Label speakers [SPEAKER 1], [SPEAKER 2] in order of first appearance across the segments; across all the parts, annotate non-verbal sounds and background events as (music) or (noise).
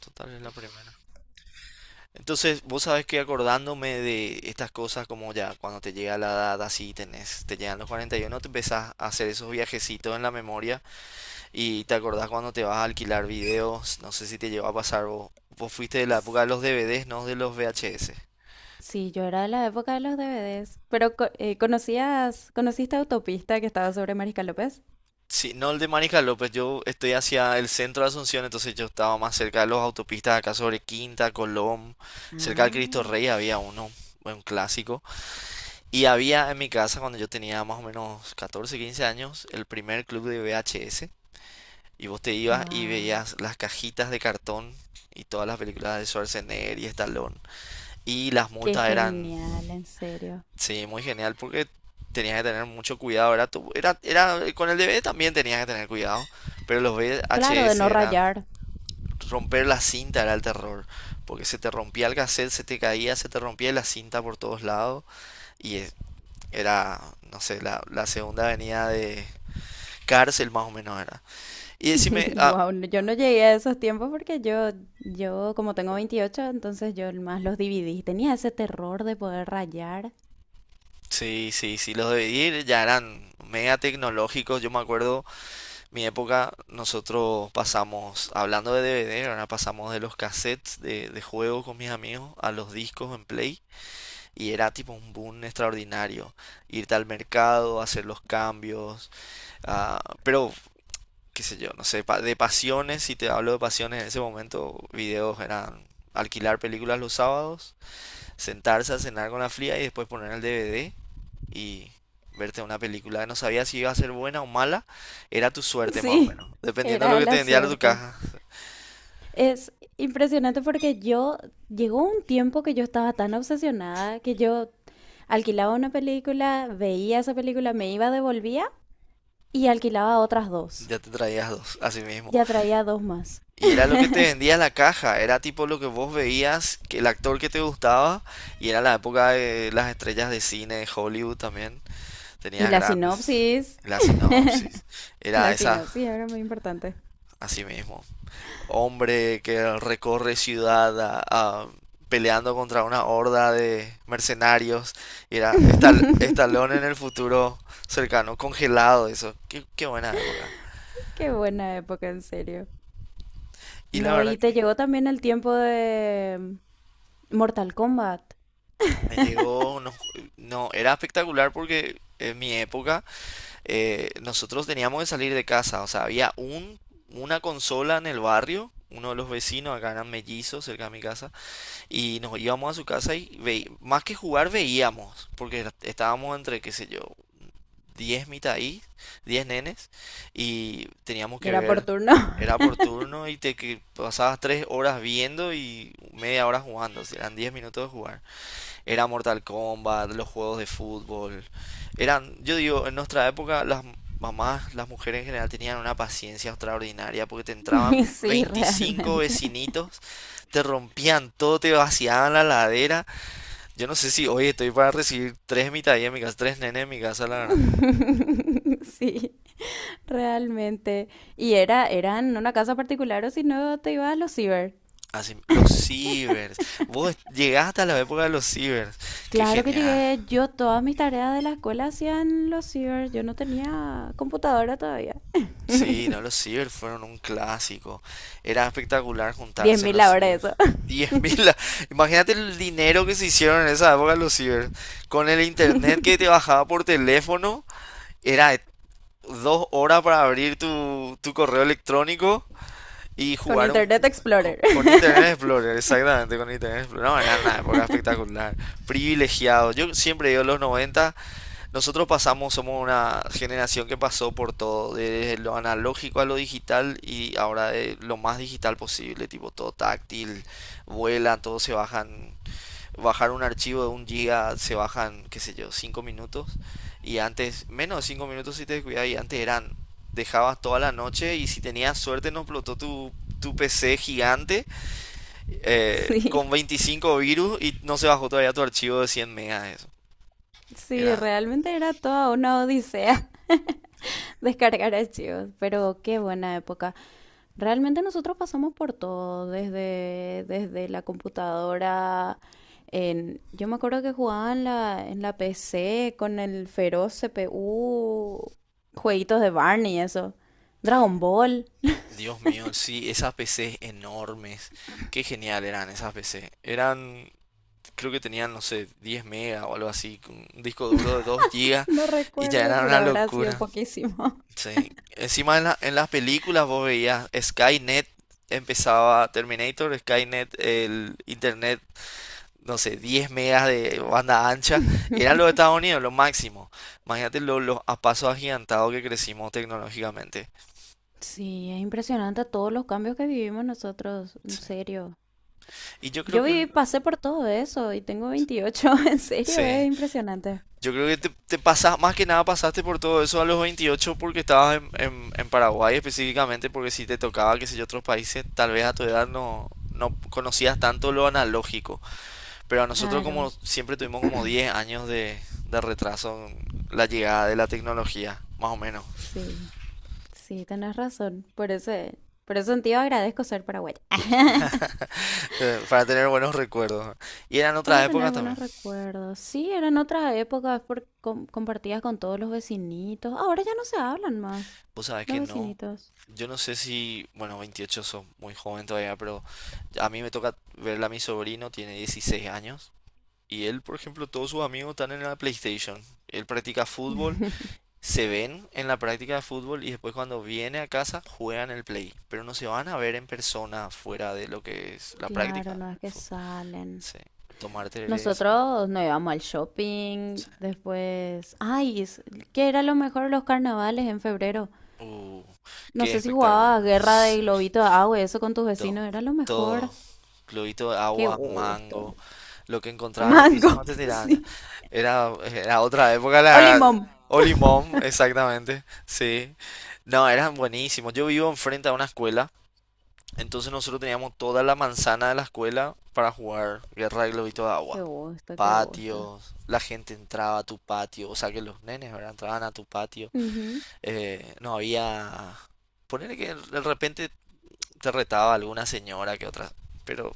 [SPEAKER 1] Total, es la primera. Entonces, vos sabés que acordándome de estas cosas, como ya cuando te llega la edad así, tenés, te llegan los 41, te empezás a hacer esos viajecitos en la memoria y te acordás cuando te vas a alquilar videos. No sé si te llegó a pasar vos. Vos fuiste de la época de los DVDs, no de los VHS.
[SPEAKER 2] Sí, yo era de la época de los DVDs. Pero conociste Autopista que estaba sobre Mariscal López?
[SPEAKER 1] Sí, no el de Mariscal López, yo estoy hacia el centro de Asunción, entonces yo estaba más cerca de los autopistas acá sobre Quinta, Colón, cerca del Cristo
[SPEAKER 2] Ah,
[SPEAKER 1] Rey había uno, un clásico. Y había en mi casa, cuando yo tenía más o menos 14 15 años, el primer club de VHS. Y vos te ibas y
[SPEAKER 2] wow,
[SPEAKER 1] veías las cajitas de cartón y todas las películas de Schwarzenegger y Stallone. Y las
[SPEAKER 2] qué
[SPEAKER 1] multas eran,
[SPEAKER 2] genial, en serio.
[SPEAKER 1] sí, muy genial porque tenías que tener mucho cuidado. Era, con el DVD también tenías que tener cuidado. Pero los
[SPEAKER 2] Claro, de
[SPEAKER 1] VHS
[SPEAKER 2] no
[SPEAKER 1] eran,
[SPEAKER 2] rayar.
[SPEAKER 1] romper la cinta era el terror. Porque se te rompía el cassette, se te caía, se te rompía la cinta por todos lados. Y eh, Era, no sé, la segunda avenida de cárcel más o menos era. Y decime,
[SPEAKER 2] (laughs)
[SPEAKER 1] ah,
[SPEAKER 2] Wow, yo no llegué a esos tiempos porque yo como tengo 28, entonces yo más los dividí. Tenía ese terror de poder rayar. (laughs)
[SPEAKER 1] sí, sí, sí, los DVDs ya eran mega tecnológicos. Yo me acuerdo, mi época, nosotros pasamos, hablando de DVD, ahora pasamos de los cassettes de juegos con mis amigos a los discos en Play. Y era tipo un boom extraordinario. Irte al mercado, hacer los cambios. Ah, pero qué sé yo, no sé, de pasiones, si te hablo de pasiones en ese momento, videos eran alquilar películas los sábados, sentarse a cenar con la fría y después poner el DVD y verte una película. No sabía si iba a ser buena o mala, era tu suerte más o
[SPEAKER 2] Sí,
[SPEAKER 1] menos. Dependiendo de lo
[SPEAKER 2] era
[SPEAKER 1] que te
[SPEAKER 2] la
[SPEAKER 1] vendía tu
[SPEAKER 2] suerte.
[SPEAKER 1] caja,
[SPEAKER 2] Es impresionante porque llegó un tiempo que yo estaba tan obsesionada que yo alquilaba una película, veía esa película, me iba, devolvía y alquilaba otras 2.
[SPEAKER 1] ya te traías dos, así mismo.
[SPEAKER 2] Ya traía 2 más.
[SPEAKER 1] Y era lo que te vendía
[SPEAKER 2] (laughs)
[SPEAKER 1] la caja, era tipo lo que vos veías, que el actor que te gustaba, y era la época de las estrellas de cine de Hollywood también.
[SPEAKER 2] Y
[SPEAKER 1] Tenías
[SPEAKER 2] la
[SPEAKER 1] grandes.
[SPEAKER 2] sinopsis.
[SPEAKER 1] La
[SPEAKER 2] (laughs)
[SPEAKER 1] sinopsis. Era
[SPEAKER 2] La
[SPEAKER 1] esa,
[SPEAKER 2] sinopsis era muy importante.
[SPEAKER 1] así mismo. Hombre que recorre ciudad peleando contra una horda de mercenarios. Y era Estalón en
[SPEAKER 2] (laughs)
[SPEAKER 1] el futuro cercano, congelado, eso. Qué, qué buena época.
[SPEAKER 2] Qué buena época, en serio.
[SPEAKER 1] Y la
[SPEAKER 2] No,
[SPEAKER 1] verdad
[SPEAKER 2] y te
[SPEAKER 1] que
[SPEAKER 2] llegó también el tiempo de Mortal Kombat.
[SPEAKER 1] me llegó, no, no, era espectacular porque en mi época nosotros teníamos que salir de casa. O sea, había un, una consola en el barrio. Uno de los vecinos, acá eran mellizos cerca de mi casa. Y nos íbamos a su casa y veí más que jugar veíamos, porque estábamos entre, qué sé yo, 10 mitad ahí, 10 nenes, y teníamos
[SPEAKER 2] Y
[SPEAKER 1] que
[SPEAKER 2] era por
[SPEAKER 1] ver,
[SPEAKER 2] turno.
[SPEAKER 1] era por
[SPEAKER 2] (laughs)
[SPEAKER 1] turno y te que pasabas 3 horas viendo y media hora jugando, o sea, eran 10 minutos de jugar. Era Mortal Kombat, los juegos de fútbol. Eran, yo digo, en nuestra época las mamás, las mujeres en general tenían una paciencia extraordinaria porque te
[SPEAKER 2] Y
[SPEAKER 1] entraban
[SPEAKER 2] sí,
[SPEAKER 1] 25
[SPEAKER 2] realmente.
[SPEAKER 1] vecinitos, te rompían todo, te vaciaban la ladera. Yo no sé si hoy estoy para recibir tres mitadillas en mi casa, tres nenes en mi casa, la verdad.
[SPEAKER 2] (laughs) Sí, realmente. Y era en una casa particular o si no te ibas a los ciber.
[SPEAKER 1] Así, los cibers. Vos llegaste a la época de los cibers. Qué
[SPEAKER 2] Claro que
[SPEAKER 1] genial.
[SPEAKER 2] llegué, yo todas mis tareas de la escuela hacían los ciber, yo no tenía computadora todavía.
[SPEAKER 1] Sí, no, los ciber fueron un clásico. Era espectacular
[SPEAKER 2] Diez
[SPEAKER 1] juntarse en
[SPEAKER 2] mil
[SPEAKER 1] los
[SPEAKER 2] ahora
[SPEAKER 1] ciber.
[SPEAKER 2] eso. (laughs)
[SPEAKER 1] 10.000, (laughs) imagínate el dinero que se hicieron en esa época los ciber. Con el internet que te bajaba por teléfono, era de dos horas para abrir tu correo electrónico y
[SPEAKER 2] Con
[SPEAKER 1] jugar un-
[SPEAKER 2] Internet
[SPEAKER 1] co-
[SPEAKER 2] Explorer.
[SPEAKER 1] con, Internet
[SPEAKER 2] (laughs)
[SPEAKER 1] Explorer, exactamente, con Internet Explorer. No, era una época espectacular, privilegiado. Yo siempre digo los 90. Nosotros pasamos, somos una generación que pasó por todo, desde lo analógico a lo digital y ahora de lo más digital posible, tipo todo táctil, vuelan, todo se bajan, bajar un archivo de un giga se bajan, qué sé yo, 5 minutos y antes, menos de 5 minutos si te descuidas y antes eran, dejabas toda la noche y si tenías suerte no explotó tu PC gigante con
[SPEAKER 2] Sí,
[SPEAKER 1] 25 virus y no se bajó todavía tu archivo de 100 megas, eso.
[SPEAKER 2] sí,
[SPEAKER 1] Era
[SPEAKER 2] realmente era toda una odisea (laughs) descargar archivos, pero qué buena época. Realmente nosotros pasamos por todo, desde la computadora. Yo me acuerdo que jugaba en la PC con el feroz CPU, jueguitos de Barney, eso. Dragon Ball.
[SPEAKER 1] Dios mío, sí, esas PCs enormes. Qué genial eran esas PCs. Eran, creo que tenían, no sé, 10 megas o algo así, con un disco duro de 2 gigas
[SPEAKER 2] No
[SPEAKER 1] y ya
[SPEAKER 2] recuerdo,
[SPEAKER 1] era
[SPEAKER 2] pero
[SPEAKER 1] una
[SPEAKER 2] habrá sido
[SPEAKER 1] locura.
[SPEAKER 2] poquísimo.
[SPEAKER 1] Sí. Encima en en las películas vos veías Skynet, empezaba Terminator, Skynet, el internet, no sé, 10 megas de banda ancha. Era lo de Estados
[SPEAKER 2] (laughs)
[SPEAKER 1] Unidos, lo máximo. Imagínate los a pasos agigantados que crecimos tecnológicamente.
[SPEAKER 2] Sí, es impresionante todos los cambios que vivimos nosotros, en
[SPEAKER 1] Sí.
[SPEAKER 2] serio.
[SPEAKER 1] Y yo creo
[SPEAKER 2] Yo
[SPEAKER 1] que
[SPEAKER 2] viví, pasé por todo eso y tengo 28. (laughs) En serio,
[SPEAKER 1] sí.
[SPEAKER 2] es impresionante.
[SPEAKER 1] Yo creo que te pasas, más que nada pasaste por todo eso a los 28 porque estabas en, en Paraguay específicamente, porque si te tocaba, qué sé yo, otros países, tal vez a tu edad no, no conocías tanto lo analógico. Pero a nosotros
[SPEAKER 2] Claro,
[SPEAKER 1] como siempre tuvimos como 10 años de retraso en la llegada de la tecnología, más o menos,
[SPEAKER 2] sí. Sí, tenés razón. Por ese sentido agradezco ser paraguaya. (laughs)
[SPEAKER 1] (laughs) para tener buenos recuerdos. Y eran otras
[SPEAKER 2] Para tener
[SPEAKER 1] épocas también.
[SPEAKER 2] buenos recuerdos. Sí, eran otras épocas compartidas con todos los vecinitos. Ahora ya no se hablan más.
[SPEAKER 1] Vos sabés
[SPEAKER 2] Los
[SPEAKER 1] que no.
[SPEAKER 2] vecinitos.
[SPEAKER 1] Yo no sé si, bueno, 28 son muy joven todavía, pero a mí me toca verla a mi sobrino, tiene 16 años. Y él, por ejemplo, todos sus amigos están en la PlayStation. Él practica fútbol, se ven en la práctica de fútbol y después cuando viene a casa juegan el Play. Pero no se van a ver en persona fuera de lo que es la
[SPEAKER 2] Claro,
[SPEAKER 1] práctica.
[SPEAKER 2] no es que
[SPEAKER 1] Fútbol.
[SPEAKER 2] salen.
[SPEAKER 1] Sí. Tomar cerveza.
[SPEAKER 2] Nosotros nos íbamos al shopping,
[SPEAKER 1] Sí.
[SPEAKER 2] después... Ay, ¿qué era lo mejor de los carnavales en febrero?
[SPEAKER 1] Uh,
[SPEAKER 2] No
[SPEAKER 1] qué
[SPEAKER 2] sé si
[SPEAKER 1] espectáculo.
[SPEAKER 2] jugabas guerra de
[SPEAKER 1] Sí.
[SPEAKER 2] globito de agua y eso con tus
[SPEAKER 1] todo
[SPEAKER 2] vecinos, era lo mejor.
[SPEAKER 1] Todo. Globito de
[SPEAKER 2] Qué
[SPEAKER 1] agua,
[SPEAKER 2] gusto.
[SPEAKER 1] mango. Lo que encontraba en el piso
[SPEAKER 2] Mango,
[SPEAKER 1] no te
[SPEAKER 2] (laughs)
[SPEAKER 1] tiraban.
[SPEAKER 2] sí.
[SPEAKER 1] Era, era otra época, la
[SPEAKER 2] O
[SPEAKER 1] verdad.
[SPEAKER 2] limón.
[SPEAKER 1] O limón, exactamente. Sí. No, eran buenísimos. Yo vivo enfrente a una escuela, entonces nosotros teníamos toda la manzana de la escuela para jugar guerra de globito de
[SPEAKER 2] Qué
[SPEAKER 1] agua.
[SPEAKER 2] gusto, qué gusto.
[SPEAKER 1] Patios, la gente entraba a tu patio, o sea que los nenes, ¿verdad? Entraban a tu patio.
[SPEAKER 2] Ujú.
[SPEAKER 1] No había... Ponele que de repente te retaba alguna señora que otra, pero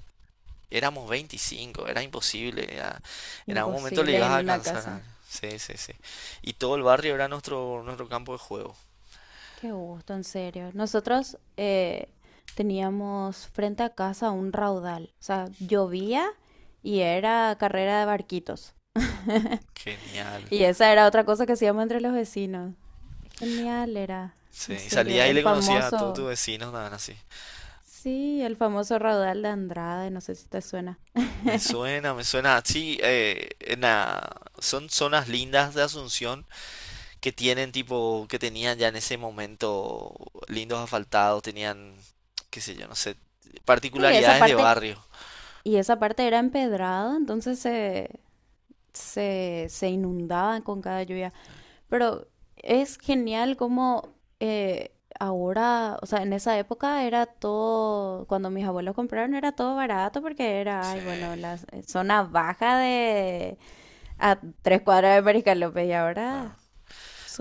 [SPEAKER 1] éramos 25, era imposible. Era, en algún momento le
[SPEAKER 2] Imposible
[SPEAKER 1] ibas a
[SPEAKER 2] en una
[SPEAKER 1] alcanzar a...
[SPEAKER 2] casa.
[SPEAKER 1] Sí, sí, sí. Y todo el barrio era nuestro, nuestro campo de juego.
[SPEAKER 2] Qué gusto, en serio. Nosotros teníamos frente a casa un raudal. O sea, llovía y era carrera de barquitos.
[SPEAKER 1] Genial.
[SPEAKER 2] Y esa era otra cosa que hacíamos entre los vecinos. Genial era,
[SPEAKER 1] Sí,
[SPEAKER 2] en
[SPEAKER 1] y
[SPEAKER 2] serio.
[SPEAKER 1] salías y le conocías a todos tus vecinos, nada así.
[SPEAKER 2] Sí, el famoso raudal de Andrade, no sé si te suena.
[SPEAKER 1] Me suena, me suena. Sí, en son zonas lindas de Asunción que tienen tipo, que tenían ya en ese momento lindos asfaltados, tenían, qué sé yo, no sé,
[SPEAKER 2] Sí,
[SPEAKER 1] particularidades de barrio.
[SPEAKER 2] y esa parte era empedrada, entonces se inundaba con cada lluvia. Pero es genial como eh, ahora, o sea, en esa época era todo, cuando mis abuelos compraron era todo barato porque era,
[SPEAKER 1] Sí,
[SPEAKER 2] ay, bueno, la zona baja de a tres cuadras de Mariscal López y ahora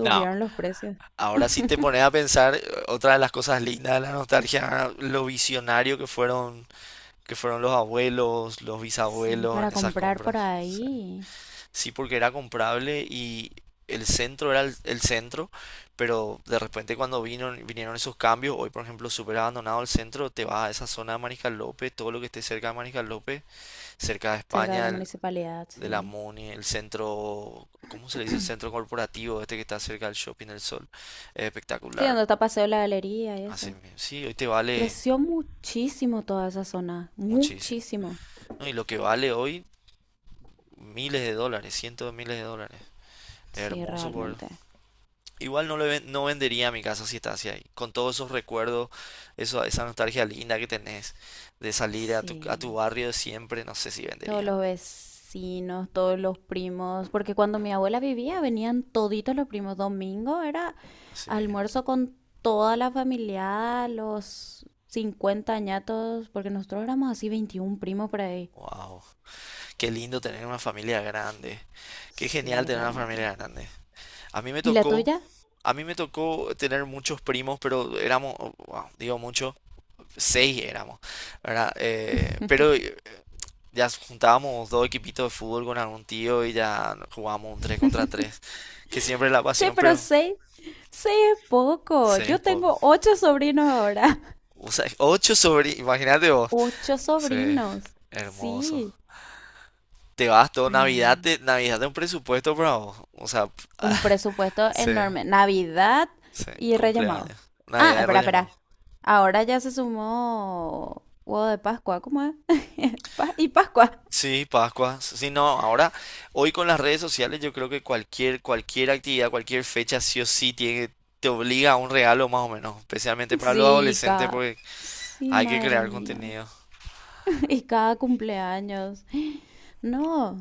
[SPEAKER 1] no.
[SPEAKER 2] los precios.
[SPEAKER 1] Ahora sí te pones
[SPEAKER 2] (laughs)
[SPEAKER 1] a pensar, otra de las cosas lindas de la nostalgia, lo visionario que fueron los abuelos, los
[SPEAKER 2] Sí,
[SPEAKER 1] bisabuelos
[SPEAKER 2] para
[SPEAKER 1] en esas
[SPEAKER 2] comprar por
[SPEAKER 1] compras. Sí.
[SPEAKER 2] ahí,
[SPEAKER 1] Sí, porque era comprable y el centro era el centro, pero de repente cuando vino, vinieron esos cambios, hoy por ejemplo súper abandonado el centro, te vas a esa zona de Mariscal López, todo lo que esté cerca de Mariscal López, cerca de
[SPEAKER 2] cerca de la
[SPEAKER 1] España,
[SPEAKER 2] municipalidad,
[SPEAKER 1] de la
[SPEAKER 2] sí.
[SPEAKER 1] MONI, el centro, ¿cómo se le dice? El centro corporativo, este que está cerca del Shopping del Sol, es
[SPEAKER 2] Sí,
[SPEAKER 1] espectacular.
[SPEAKER 2] donde está Paseo la Galería y
[SPEAKER 1] Así
[SPEAKER 2] eso.
[SPEAKER 1] mismo. Sí, hoy te vale
[SPEAKER 2] Creció muchísimo toda esa zona,
[SPEAKER 1] muchísimo.
[SPEAKER 2] muchísimo.
[SPEAKER 1] No, y lo que vale hoy, miles de dólares, cientos de miles de dólares. Es
[SPEAKER 2] Sí,
[SPEAKER 1] hermoso por...
[SPEAKER 2] realmente.
[SPEAKER 1] Igual no, no vendería mi casa si estás ahí. Con todos esos recuerdos, eso, esa nostalgia linda que tenés de salir a a tu
[SPEAKER 2] Sí.
[SPEAKER 1] barrio de siempre, no sé si
[SPEAKER 2] Todos
[SPEAKER 1] vendería.
[SPEAKER 2] los vecinos, todos los primos, porque cuando mi abuela vivía venían toditos los primos. Domingo era
[SPEAKER 1] Así mismo.
[SPEAKER 2] almuerzo con toda la familia, los 50 añatos, porque nosotros éramos así 21 primos por ahí.
[SPEAKER 1] Wow. Qué lindo tener una familia grande. Qué genial
[SPEAKER 2] Sí,
[SPEAKER 1] tener una
[SPEAKER 2] realmente.
[SPEAKER 1] familia grande. A mí me
[SPEAKER 2] ¿Y la
[SPEAKER 1] tocó,
[SPEAKER 2] tuya?
[SPEAKER 1] a mí me tocó tener muchos primos, pero éramos, wow, digo mucho seis éramos, ¿verdad? Pero
[SPEAKER 2] (laughs)
[SPEAKER 1] ya juntábamos dos equipitos de fútbol con algún tío y ya jugábamos un 3 contra 3, que siempre es la
[SPEAKER 2] Che,
[SPEAKER 1] pasión,
[SPEAKER 2] pero
[SPEAKER 1] pero
[SPEAKER 2] 6 es poco.
[SPEAKER 1] seis es
[SPEAKER 2] Yo
[SPEAKER 1] poco.
[SPEAKER 2] tengo 8 sobrinos ahora. (laughs)
[SPEAKER 1] O sea, ocho sobrinos, imagínate vos.
[SPEAKER 2] Ocho
[SPEAKER 1] Sí,
[SPEAKER 2] sobrinos.
[SPEAKER 1] hermoso.
[SPEAKER 2] Sí.
[SPEAKER 1] Te vas todo Navidad,
[SPEAKER 2] No.
[SPEAKER 1] Navidad de un presupuesto, bravo. O sea,
[SPEAKER 2] Un presupuesto
[SPEAKER 1] (laughs) sí,
[SPEAKER 2] enorme. Navidad
[SPEAKER 1] sí,
[SPEAKER 2] y Reyes Magos.
[SPEAKER 1] cumpleaños.
[SPEAKER 2] Ah,
[SPEAKER 1] Navidad de Reyes Magos.
[SPEAKER 2] espera. Ahora ya se sumó huevo de Pascua. ¿Cómo es? (laughs) Y Pascua.
[SPEAKER 1] Sí, Pascua. Sí, no, ahora, hoy con las redes sociales, yo creo que cualquier, cualquier actividad, cualquier fecha, sí o sí, tiene, te obliga a un regalo más o menos, especialmente para los
[SPEAKER 2] Sí, y
[SPEAKER 1] adolescentes,
[SPEAKER 2] cada...
[SPEAKER 1] porque
[SPEAKER 2] Sí,
[SPEAKER 1] hay que
[SPEAKER 2] madre
[SPEAKER 1] crear
[SPEAKER 2] mía. (laughs)
[SPEAKER 1] contenido.
[SPEAKER 2] Y cada cumpleaños. No,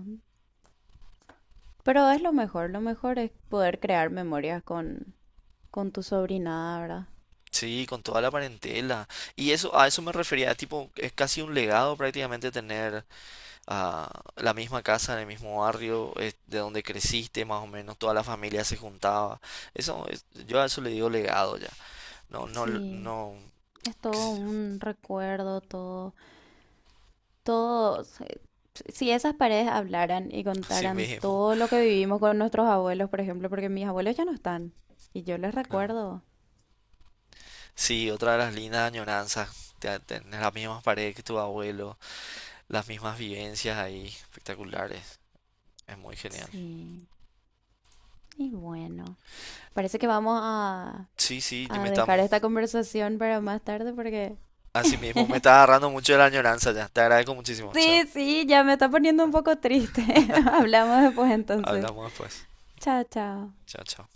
[SPEAKER 2] pero es lo mejor. Lo mejor es poder crear memorias con tu sobrinada, ¿verdad?
[SPEAKER 1] Sí, con toda la parentela. Y eso, a eso me refería, tipo, es casi un legado prácticamente tener ah, la misma casa en el mismo barrio, de donde creciste, más o menos, toda la familia se juntaba. Eso, yo a eso le digo legado ya. No, no,
[SPEAKER 2] Sí,
[SPEAKER 1] no,
[SPEAKER 2] es
[SPEAKER 1] qué
[SPEAKER 2] todo
[SPEAKER 1] sé yo,
[SPEAKER 2] un recuerdo, todo. Todos, si esas paredes hablaran y
[SPEAKER 1] (laughs) así
[SPEAKER 2] contaran
[SPEAKER 1] mismo.
[SPEAKER 2] todo lo que vivimos con nuestros abuelos, por ejemplo, porque mis abuelos ya no están y yo les
[SPEAKER 1] Claro.
[SPEAKER 2] recuerdo.
[SPEAKER 1] Sí, otra de las lindas añoranzas. Tenés las mismas paredes que tu abuelo, las mismas vivencias ahí, espectaculares. Es muy genial.
[SPEAKER 2] Sí, y bueno, parece que vamos
[SPEAKER 1] Sí, sí,
[SPEAKER 2] a dejar esta conversación para más tarde porque...
[SPEAKER 1] así mismo me está
[SPEAKER 2] (laughs)
[SPEAKER 1] agarrando mucho de la añoranza ya. Te agradezco muchísimo. Chao.
[SPEAKER 2] Sí, sí, ya me está poniendo un poco triste. (laughs) Hablamos después entonces.
[SPEAKER 1] Hablamos después.
[SPEAKER 2] Chao, chao.
[SPEAKER 1] Chao, chao.